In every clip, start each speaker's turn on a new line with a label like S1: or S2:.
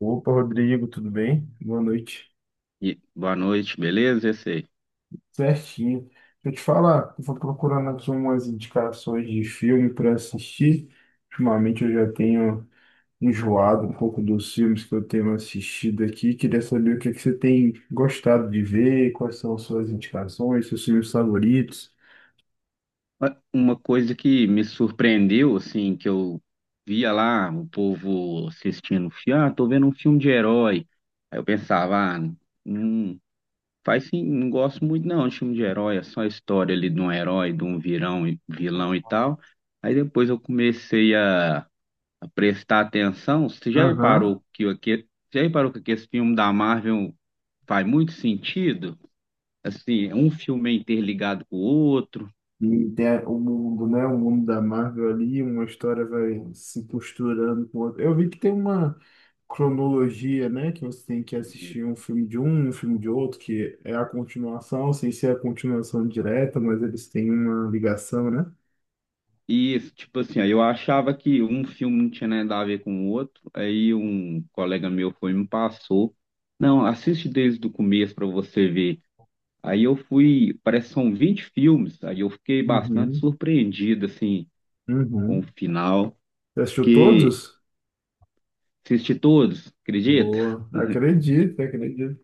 S1: Opa, Rodrigo, tudo bem? Boa noite.
S2: E boa noite, beleza? Esse aí.
S1: Certinho. Deixa eu te falar, eu vou procurando aqui umas indicações de filme para assistir. Ultimamente eu já tenho enjoado um pouco dos filmes que eu tenho assistido aqui. Queria saber o que é que você tem gostado de ver, quais são suas indicações, seus filmes favoritos.
S2: Uma coisa que me surpreendeu, assim, que eu via lá o povo assistindo, tô vendo um filme de herói. Aí eu pensava, ah, não faz sim, não gosto muito não de filme de herói, é só a história ali de um herói, de um virão, vilão e tal. Aí depois eu comecei a prestar atenção. Você
S1: Aham.
S2: já reparou que esse filme da Marvel faz muito sentido? Assim, é um filme é interligado com o outro.
S1: E tem o mundo, né? O mundo da Marvel ali, uma história vai se costurando com outra. Eu vi que tem uma cronologia, né? Que você tem que
S2: E,
S1: assistir um filme de um, um filme de outro, que é a continuação, sem ser a continuação direta, mas eles têm uma ligação, né?
S2: e, tipo assim, aí eu achava que um filme não tinha nada a ver com o outro. Aí um colega meu foi e me passou. Não, assiste desde o começo para você ver. Aí eu fui, parece que são 20 filmes. Aí eu fiquei bastante
S1: Uhum,
S2: surpreendido, assim, com o
S1: uhum.
S2: final.
S1: Você assistiu
S2: Que
S1: todos?
S2: assisti todos, acredita?
S1: Boa. Acredito, acredito.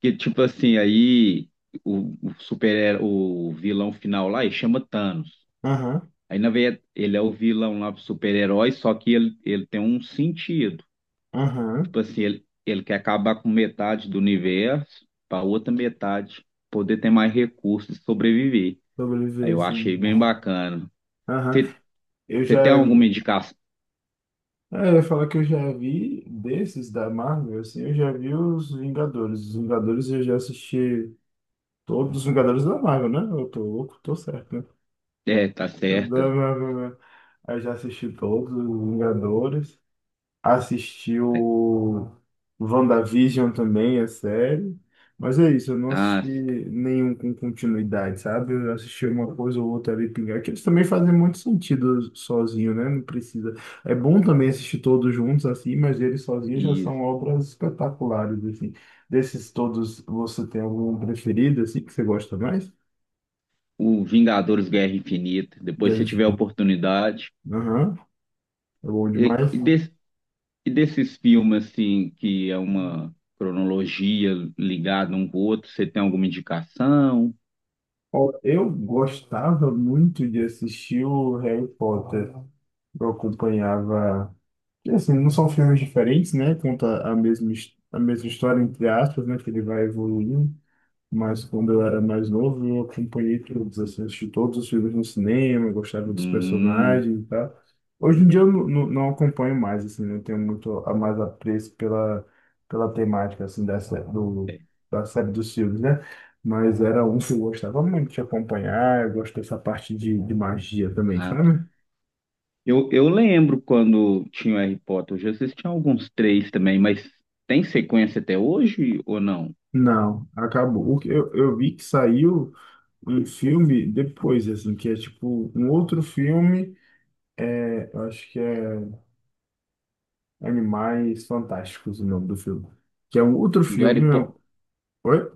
S2: Que, tipo assim, aí o vilão final lá, ele chama Thanos.
S1: Aham,
S2: Aí, na verdade, ele é o vilão lá, o super-herói, só que ele tem um sentido.
S1: aham.
S2: Tipo assim, ele quer acabar com metade do universo para outra metade poder ter mais recursos e sobreviver. Aí
S1: Sobreviver,
S2: eu
S1: sim.
S2: achei bem bacana.
S1: Aham.
S2: Você
S1: Eu
S2: você
S1: já.
S2: tem alguma indicação?
S1: É, eu ia falar que eu já vi desses da Marvel, assim, eu já vi os Vingadores. Os Vingadores eu já assisti todos os Vingadores da Marvel, né? Eu tô louco, tô certo, né?
S2: É, tá
S1: Da
S2: certa.
S1: Marvel, né? Eu já assisti todos os Vingadores,
S2: É,
S1: assistiu WandaVision também, a série. Mas é isso, eu não
S2: ah,
S1: assisti nenhum com continuidade, sabe? Eu assisti uma coisa ou outra ali pingar, que eles também fazem muito sentido sozinho, né? Não precisa. É bom também assistir todos juntos assim, mas eles sozinhos já
S2: e
S1: são obras espetaculares, assim. Desses todos, você tem algum preferido, assim, que você gosta mais?
S2: o Vingadores Guerra Infinita. Depois, se
S1: Dave.
S2: tiver oportunidade.
S1: Aham, é bom
S2: E,
S1: demais.
S2: e desse- E desses filmes, assim, que é uma cronologia ligada um com o outro, você tem alguma indicação?
S1: Ó, eu gostava muito de assistir o Harry Potter. Eu acompanhava. E, assim, não são filmes diferentes, né? Conta a mesma, a mesma história, entre aspas, né? Que ele vai evoluindo. Mas quando eu era mais novo, eu acompanhei todos, assim, assisti todos os filmes no cinema, gostava dos
S2: Hum,
S1: personagens e tal. Hoje em dia eu não acompanho mais, assim, não tenho muito a mais apreço pela temática, assim, da série dos filmes, né? Mas era um que eu gostava muito de acompanhar, eu gosto dessa parte de magia também,
S2: ah, tá.
S1: sabe?
S2: Eu lembro quando tinha o Harry Potter, eu já assisti alguns três também, mas tem sequência até hoje ou não?
S1: Não, acabou. O que eu vi que saiu um filme depois, assim, que é tipo um outro filme, eu acho que é Animais Fantásticos o nome do filme. Que é um outro
S2: Do Harry
S1: filme,
S2: Potter,
S1: meu. Oi?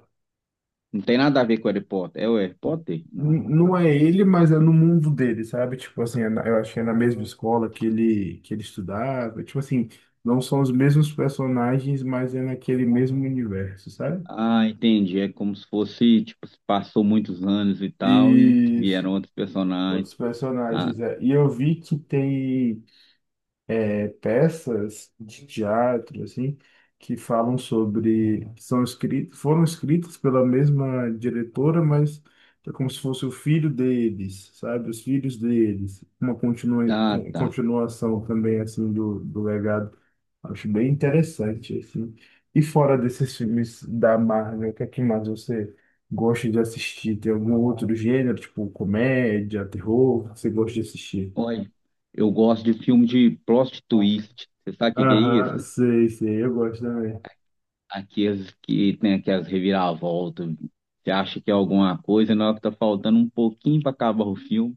S2: não tem nada a ver com o Harry Potter. É o Harry Potter? Não.
S1: Não é ele, mas é no mundo dele, sabe? Tipo assim, é eu acho que é na mesma escola que ele estudava. Tipo assim, não são os mesmos personagens, mas é naquele mesmo universo, sabe?
S2: Ah, entendi. É como se fosse, tipo, se passou muitos anos e tal e
S1: E
S2: vieram outros personagens.
S1: outros
S2: Ah,
S1: personagens. É. E eu vi que tem peças de teatro, assim, que falam sobre, que são escritas, foram escritas pela mesma diretora, mas é como se fosse o filho deles, sabe? Os filhos deles. Uma
S2: ah, tá.
S1: continuação também, assim, do legado. Acho bem interessante, assim. E fora desses filmes da Marvel, o que é que mais você gosta de assistir? Tem algum outro gênero, tipo comédia, terror, que você gosta de assistir?
S2: Olha, eu gosto de filme de plot twist. Você sabe o que que é
S1: Aham,
S2: isso?
S1: sei, sei, eu gosto também.
S2: Aqueles que tem aquelas reviravoltas. Você acha que é alguma coisa, na hora que tá faltando um pouquinho para acabar o filme,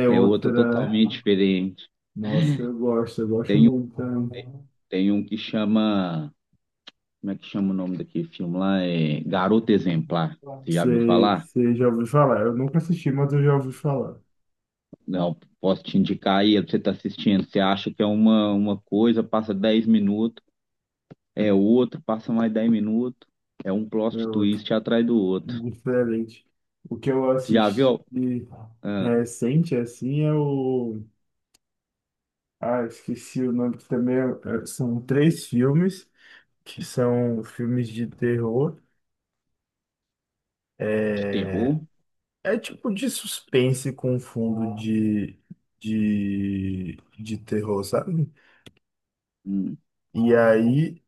S1: É
S2: é outro
S1: outra.
S2: totalmente diferente.
S1: Nossa, eu gosto muito também.
S2: Tem um que chama. Como é que chama o nome daquele filme lá? É Garota Exemplar. Você já viu
S1: Sei,
S2: falar?
S1: sei, já ouvi falar. Eu nunca assisti, mas eu já ouvi falar.
S2: Não, posso te indicar aí, você tá assistindo. Você acha que é uma coisa, passa 10 minutos, é outro, passa mais 10 minutos. É um
S1: É
S2: plot
S1: outra.
S2: twist atrás do outro.
S1: Diferente. O que eu
S2: Tu já
S1: assisti
S2: viu ah,
S1: recente, assim, é o. Ah, esqueci o nome, que também são três filmes, que são filmes de terror.
S2: de
S1: é
S2: terror?
S1: É tipo de suspense com fundo de terror, sabe?
S2: Hum,
S1: E aí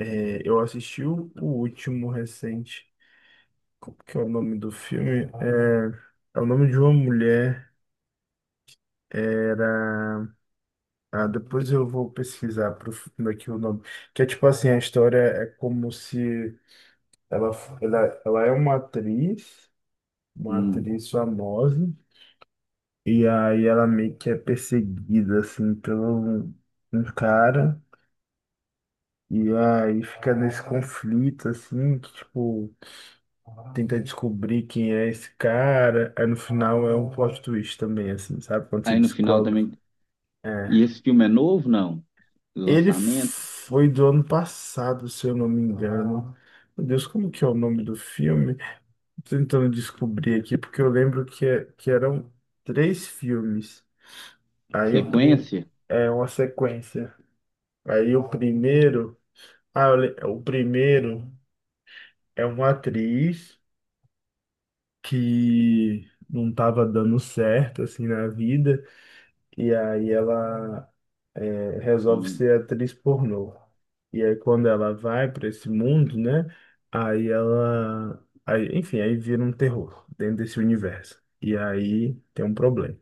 S1: eu assisti o último recente. Como que é o nome do filme? É o nome de uma mulher. Ah, depois eu vou pesquisar pro fundo aqui o nome. Que é tipo assim, a história é como se ela, ela é uma
S2: hum.
S1: atriz famosa, e aí ela meio que é perseguida assim pelo um cara. E aí fica nesse conflito, assim, que, tipo, tenta descobrir quem é esse cara. Aí no final é um plot twist também, assim, sabe? Quando você
S2: Aí no final
S1: descobre.
S2: também. E
S1: É.
S2: esse filme é novo, não?
S1: Ele
S2: Lançamento?
S1: foi do ano passado, se eu não me engano. Meu Deus, como que é o nome do filme? Tô tentando descobrir aqui, porque eu lembro que, que eram três filmes. Aí
S2: Sequência?
S1: é uma sequência. Aí o primeiro. Ah, o primeiro é uma atriz que não estava dando certo assim na vida, e aí ela resolve
S2: Hum,
S1: ser atriz pornô. E aí quando ela vai para esse mundo, né? Aí ela, aí, enfim, aí vira um terror dentro desse universo, e aí tem um problema.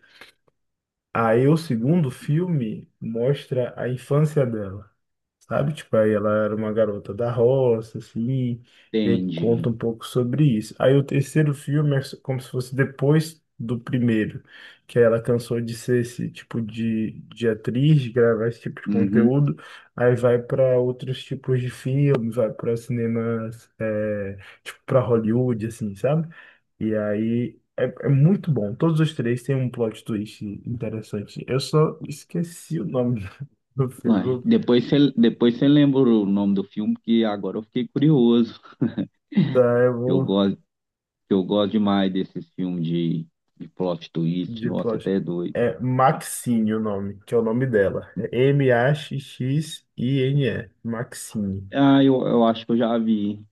S1: Aí o segundo filme mostra a infância dela, sabe? Tipo, aí ela era uma garota da roça, assim, e aí conta
S2: entendi.
S1: um pouco sobre isso. Aí o terceiro filme é como se fosse depois do primeiro, que aí ela cansou de ser esse tipo de atriz, de gravar esse tipo de
S2: Uhum.
S1: conteúdo, aí vai para outros tipos de filme, vai para cinemas, tipo, para Hollywood, assim, sabe? E aí. É muito bom. Todos os três têm um plot twist interessante. Eu só esqueci o nome do
S2: Uai,
S1: filme.
S2: depois você lembra o nome do filme, que agora eu fiquei curioso.
S1: Tá, eu
S2: Eu
S1: vou
S2: gosto, eu gosto demais desses filmes de plot twist.
S1: de
S2: Nossa, até
S1: plástico.
S2: é doido.
S1: É Maxine o nome, que é o nome dela. É Maxxine. Maxine.
S2: Ah, eu acho que eu já vi.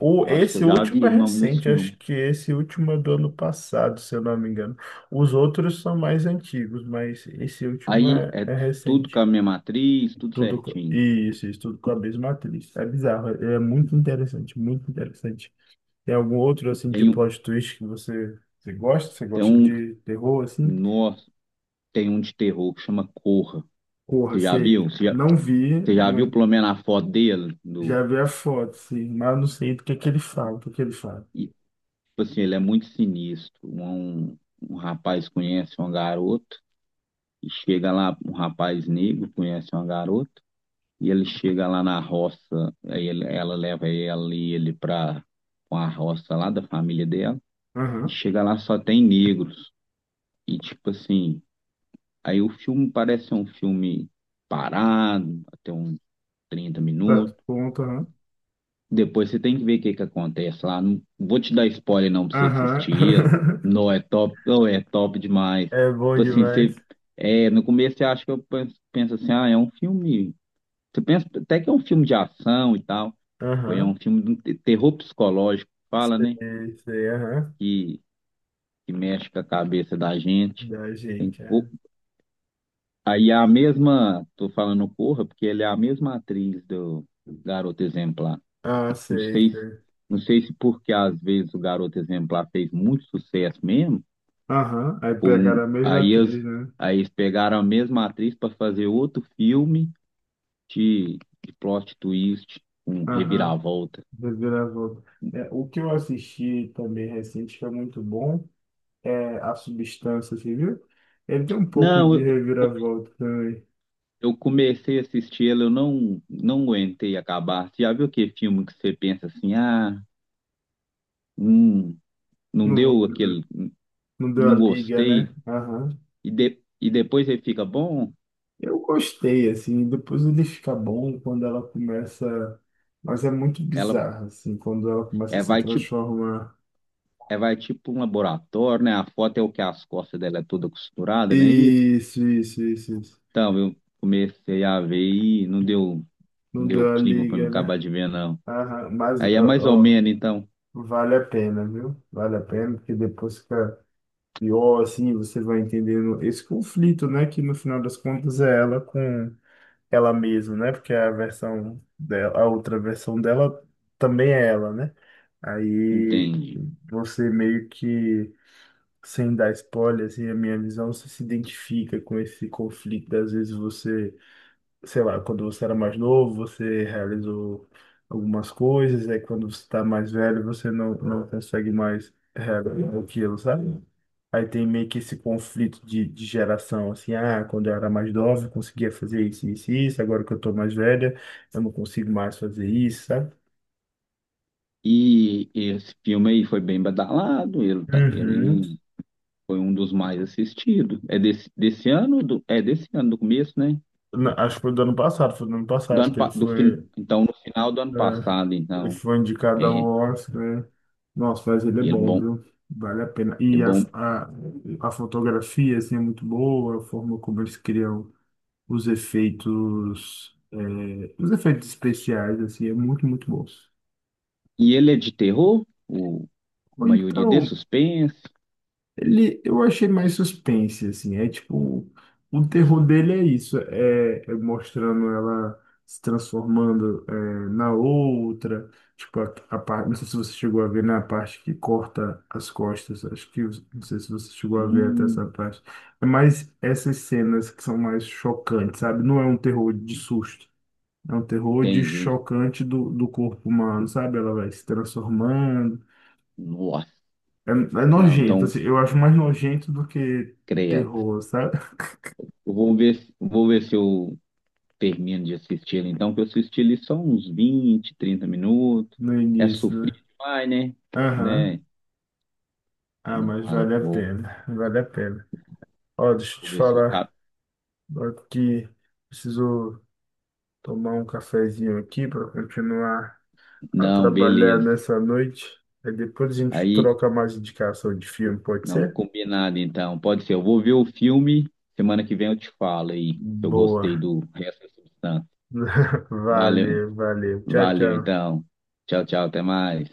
S1: O,
S2: Eu acho que
S1: esse
S2: eu já
S1: último é
S2: vi o nome desse
S1: recente,
S2: filme.
S1: acho que esse último é do ano passado, se eu não me engano. Os outros são mais antigos, mas esse último
S2: Aí
S1: é,
S2: é
S1: é
S2: tudo com
S1: recente.
S2: a mesma atriz, tudo
S1: Tudo,
S2: certinho.
S1: isso, isso, tudo com a mesma atriz. É bizarro, é muito interessante, muito interessante. Tem algum outro, assim, de
S2: Tem um,
S1: plot twist que você gosta? Você
S2: tem
S1: gosta
S2: um
S1: de terror, assim?
S2: Nossa, tem um de terror que chama Corra.
S1: Porra,
S2: Você já viu?
S1: sei.
S2: Você já,
S1: Não vi,
S2: você já viu
S1: né?
S2: pelo menos a foto dele? Do,
S1: Já vi a foto, sim, mas não sei do que ele fala, do que ele fala.
S2: e, tipo assim, ele é muito sinistro. Um rapaz conhece uma garota e chega lá, um rapaz negro conhece uma garota e ele chega lá na roça, aí ela leva ela e ele pra uma roça lá da família dela e
S1: Aham,
S2: chega lá só tem negros. E tipo assim, aí o filme parece um filme parado, até uns 30 minutos.
S1: certo, ponto, aham.
S2: Depois você tem que ver o que que acontece lá. Não vou te dar spoiler não pra você assistir.
S1: Aham.
S2: Não é top, não é top demais.
S1: É bom
S2: Tipo assim, você,
S1: demais.
S2: é, no começo você acha que eu penso assim, ah, é um filme. Você pensa até que é um filme de ação e tal. Foi é um
S1: Aham.
S2: filme de um terror psicológico, fala, né?
S1: Sei, sei, aham.
S2: Que, que mexe com a cabeça da gente.
S1: Da
S2: Tem,
S1: gente,
S2: o-
S1: cara.
S2: aí a mesma, tô falando Corra, porque ele é a mesma atriz do Garota Exemplar.
S1: Ah,
S2: Não
S1: sei,
S2: sei, se-
S1: sei.
S2: não sei se porque às vezes o Garoto Exemplar fez muito sucesso mesmo,
S1: Aham, aí
S2: por um-
S1: pegaram a mesma atriz, né?
S2: aí eles pegaram a mesma atriz para fazer outro filme de, de plot twist, um
S1: Aham,
S2: reviravolta.
S1: reviravolta. É, o que eu assisti também recente, que é muito bom, é A Substância, você viu? Ele tem um pouco
S2: Não,
S1: de
S2: eu,
S1: reviravolta também.
S2: eu comecei a assistir ele, eu não aguentei acabar. Você já viu aquele filme que você pensa assim, ah, hum, não
S1: Não vou,
S2: deu aquele,
S1: não deu a
S2: não
S1: liga,
S2: gostei,
S1: né? Aham.
S2: e, de, e depois ele fica bom?
S1: Eu gostei, assim, depois ele fica bom quando ela começa. Mas é muito
S2: Ela
S1: bizarro, assim, quando ela começa a
S2: é,
S1: se
S2: vai te
S1: transformar.
S2: É, vai tipo um laboratório, né? A foto é o que as costas dela é toda costurada, não é isso?
S1: Isso, isso, isso, isso.
S2: Então, eu comecei a ver e não deu, não
S1: Não
S2: deu
S1: deu a
S2: clima para me
S1: liga, né?
S2: acabar de ver, não.
S1: Aham, mas,
S2: Aí é mais ou
S1: ó, ó,
S2: menos, então,
S1: vale a pena, viu? Vale a pena, porque depois fica pior, assim, você vai entendendo esse conflito, né? Que no final das contas é ela com ela mesma, né? Porque a versão dela, a outra versão dela também é ela, né? Aí
S2: entende?
S1: você meio que, sem dar spoiler, assim, a minha visão, você se identifica com esse conflito. Às vezes você, sei lá, quando você era mais novo, você realizou algumas coisas, aí quando você está mais velho, você não consegue mais realizar aquilo, sabe? Aí tem meio que esse conflito de geração, assim, ah, quando eu era mais nova, eu conseguia fazer isso, isso, isso, agora que eu tô mais velha, eu não consigo mais fazer isso, sabe?
S2: E esse filme aí foi bem badalado, ele, tá-
S1: Uhum.
S2: ele foi um dos mais assistidos. É desse ano, do começo, né?
S1: Acho que foi do ano passado, foi do ano
S2: Do
S1: passado
S2: ano,
S1: que ele
S2: pa- do, fin-
S1: foi,
S2: então, no final do ano
S1: é,
S2: passado,
S1: ele
S2: então,
S1: foi indicado ao
S2: é,
S1: Oscar, né? Nossa, mas ele é
S2: ele
S1: bom,
S2: bom,
S1: viu? Vale a pena.
S2: ele
S1: E a,
S2: bom.
S1: a, a fotografia, assim, é muito boa, a forma como eles criam os efeitos, os efeitos especiais, assim, é muito, muito bom.
S2: E ele é de terror, o a
S1: Ou
S2: maioria é de
S1: então,
S2: suspense.
S1: ele, eu achei mais suspense, assim, é tipo, o terror dele é isso, é mostrando ela se transformando na outra, tipo, a parte, não sei se você chegou a ver, na parte que corta as costas, acho que, não sei se você chegou a ver até essa
S2: Hum,
S1: parte, é mais essas cenas que são mais chocantes, sabe? Não é um terror de susto, é um terror de
S2: entendi.
S1: chocante do, do corpo humano, sabe? Ela vai se transformando,
S2: Nossa.
S1: é
S2: Não,
S1: nojento,
S2: então,
S1: assim, eu acho mais nojento do que
S2: credo.
S1: terror, sabe?
S2: Eu vou ver, vou ver se eu termino de assistir então, que eu assisti ele só uns 20, 30 minutos.
S1: No
S2: É
S1: início,
S2: sofrido
S1: né?
S2: demais, né?
S1: Aham.
S2: Né?
S1: Ah,
S2: Não,
S1: mas
S2: ah,
S1: vale a
S2: vou,
S1: pena, vale a pena. Ó, deixa eu
S2: vou
S1: te
S2: ver se eu cap...
S1: falar, ó, que preciso tomar um cafezinho aqui para continuar a
S2: Não,
S1: trabalhar
S2: beleza.
S1: nessa noite. Aí depois a gente
S2: Aí,
S1: troca mais indicação de filme, pode
S2: não,
S1: ser?
S2: combinado, então. Pode ser. Eu vou ver o filme, semana que vem eu te falo aí, se eu gostei
S1: Boa.
S2: do resto da substância. Valeu,
S1: Valeu, valeu. Tchau,
S2: valeu,
S1: tchau.
S2: então. Tchau, tchau, até mais.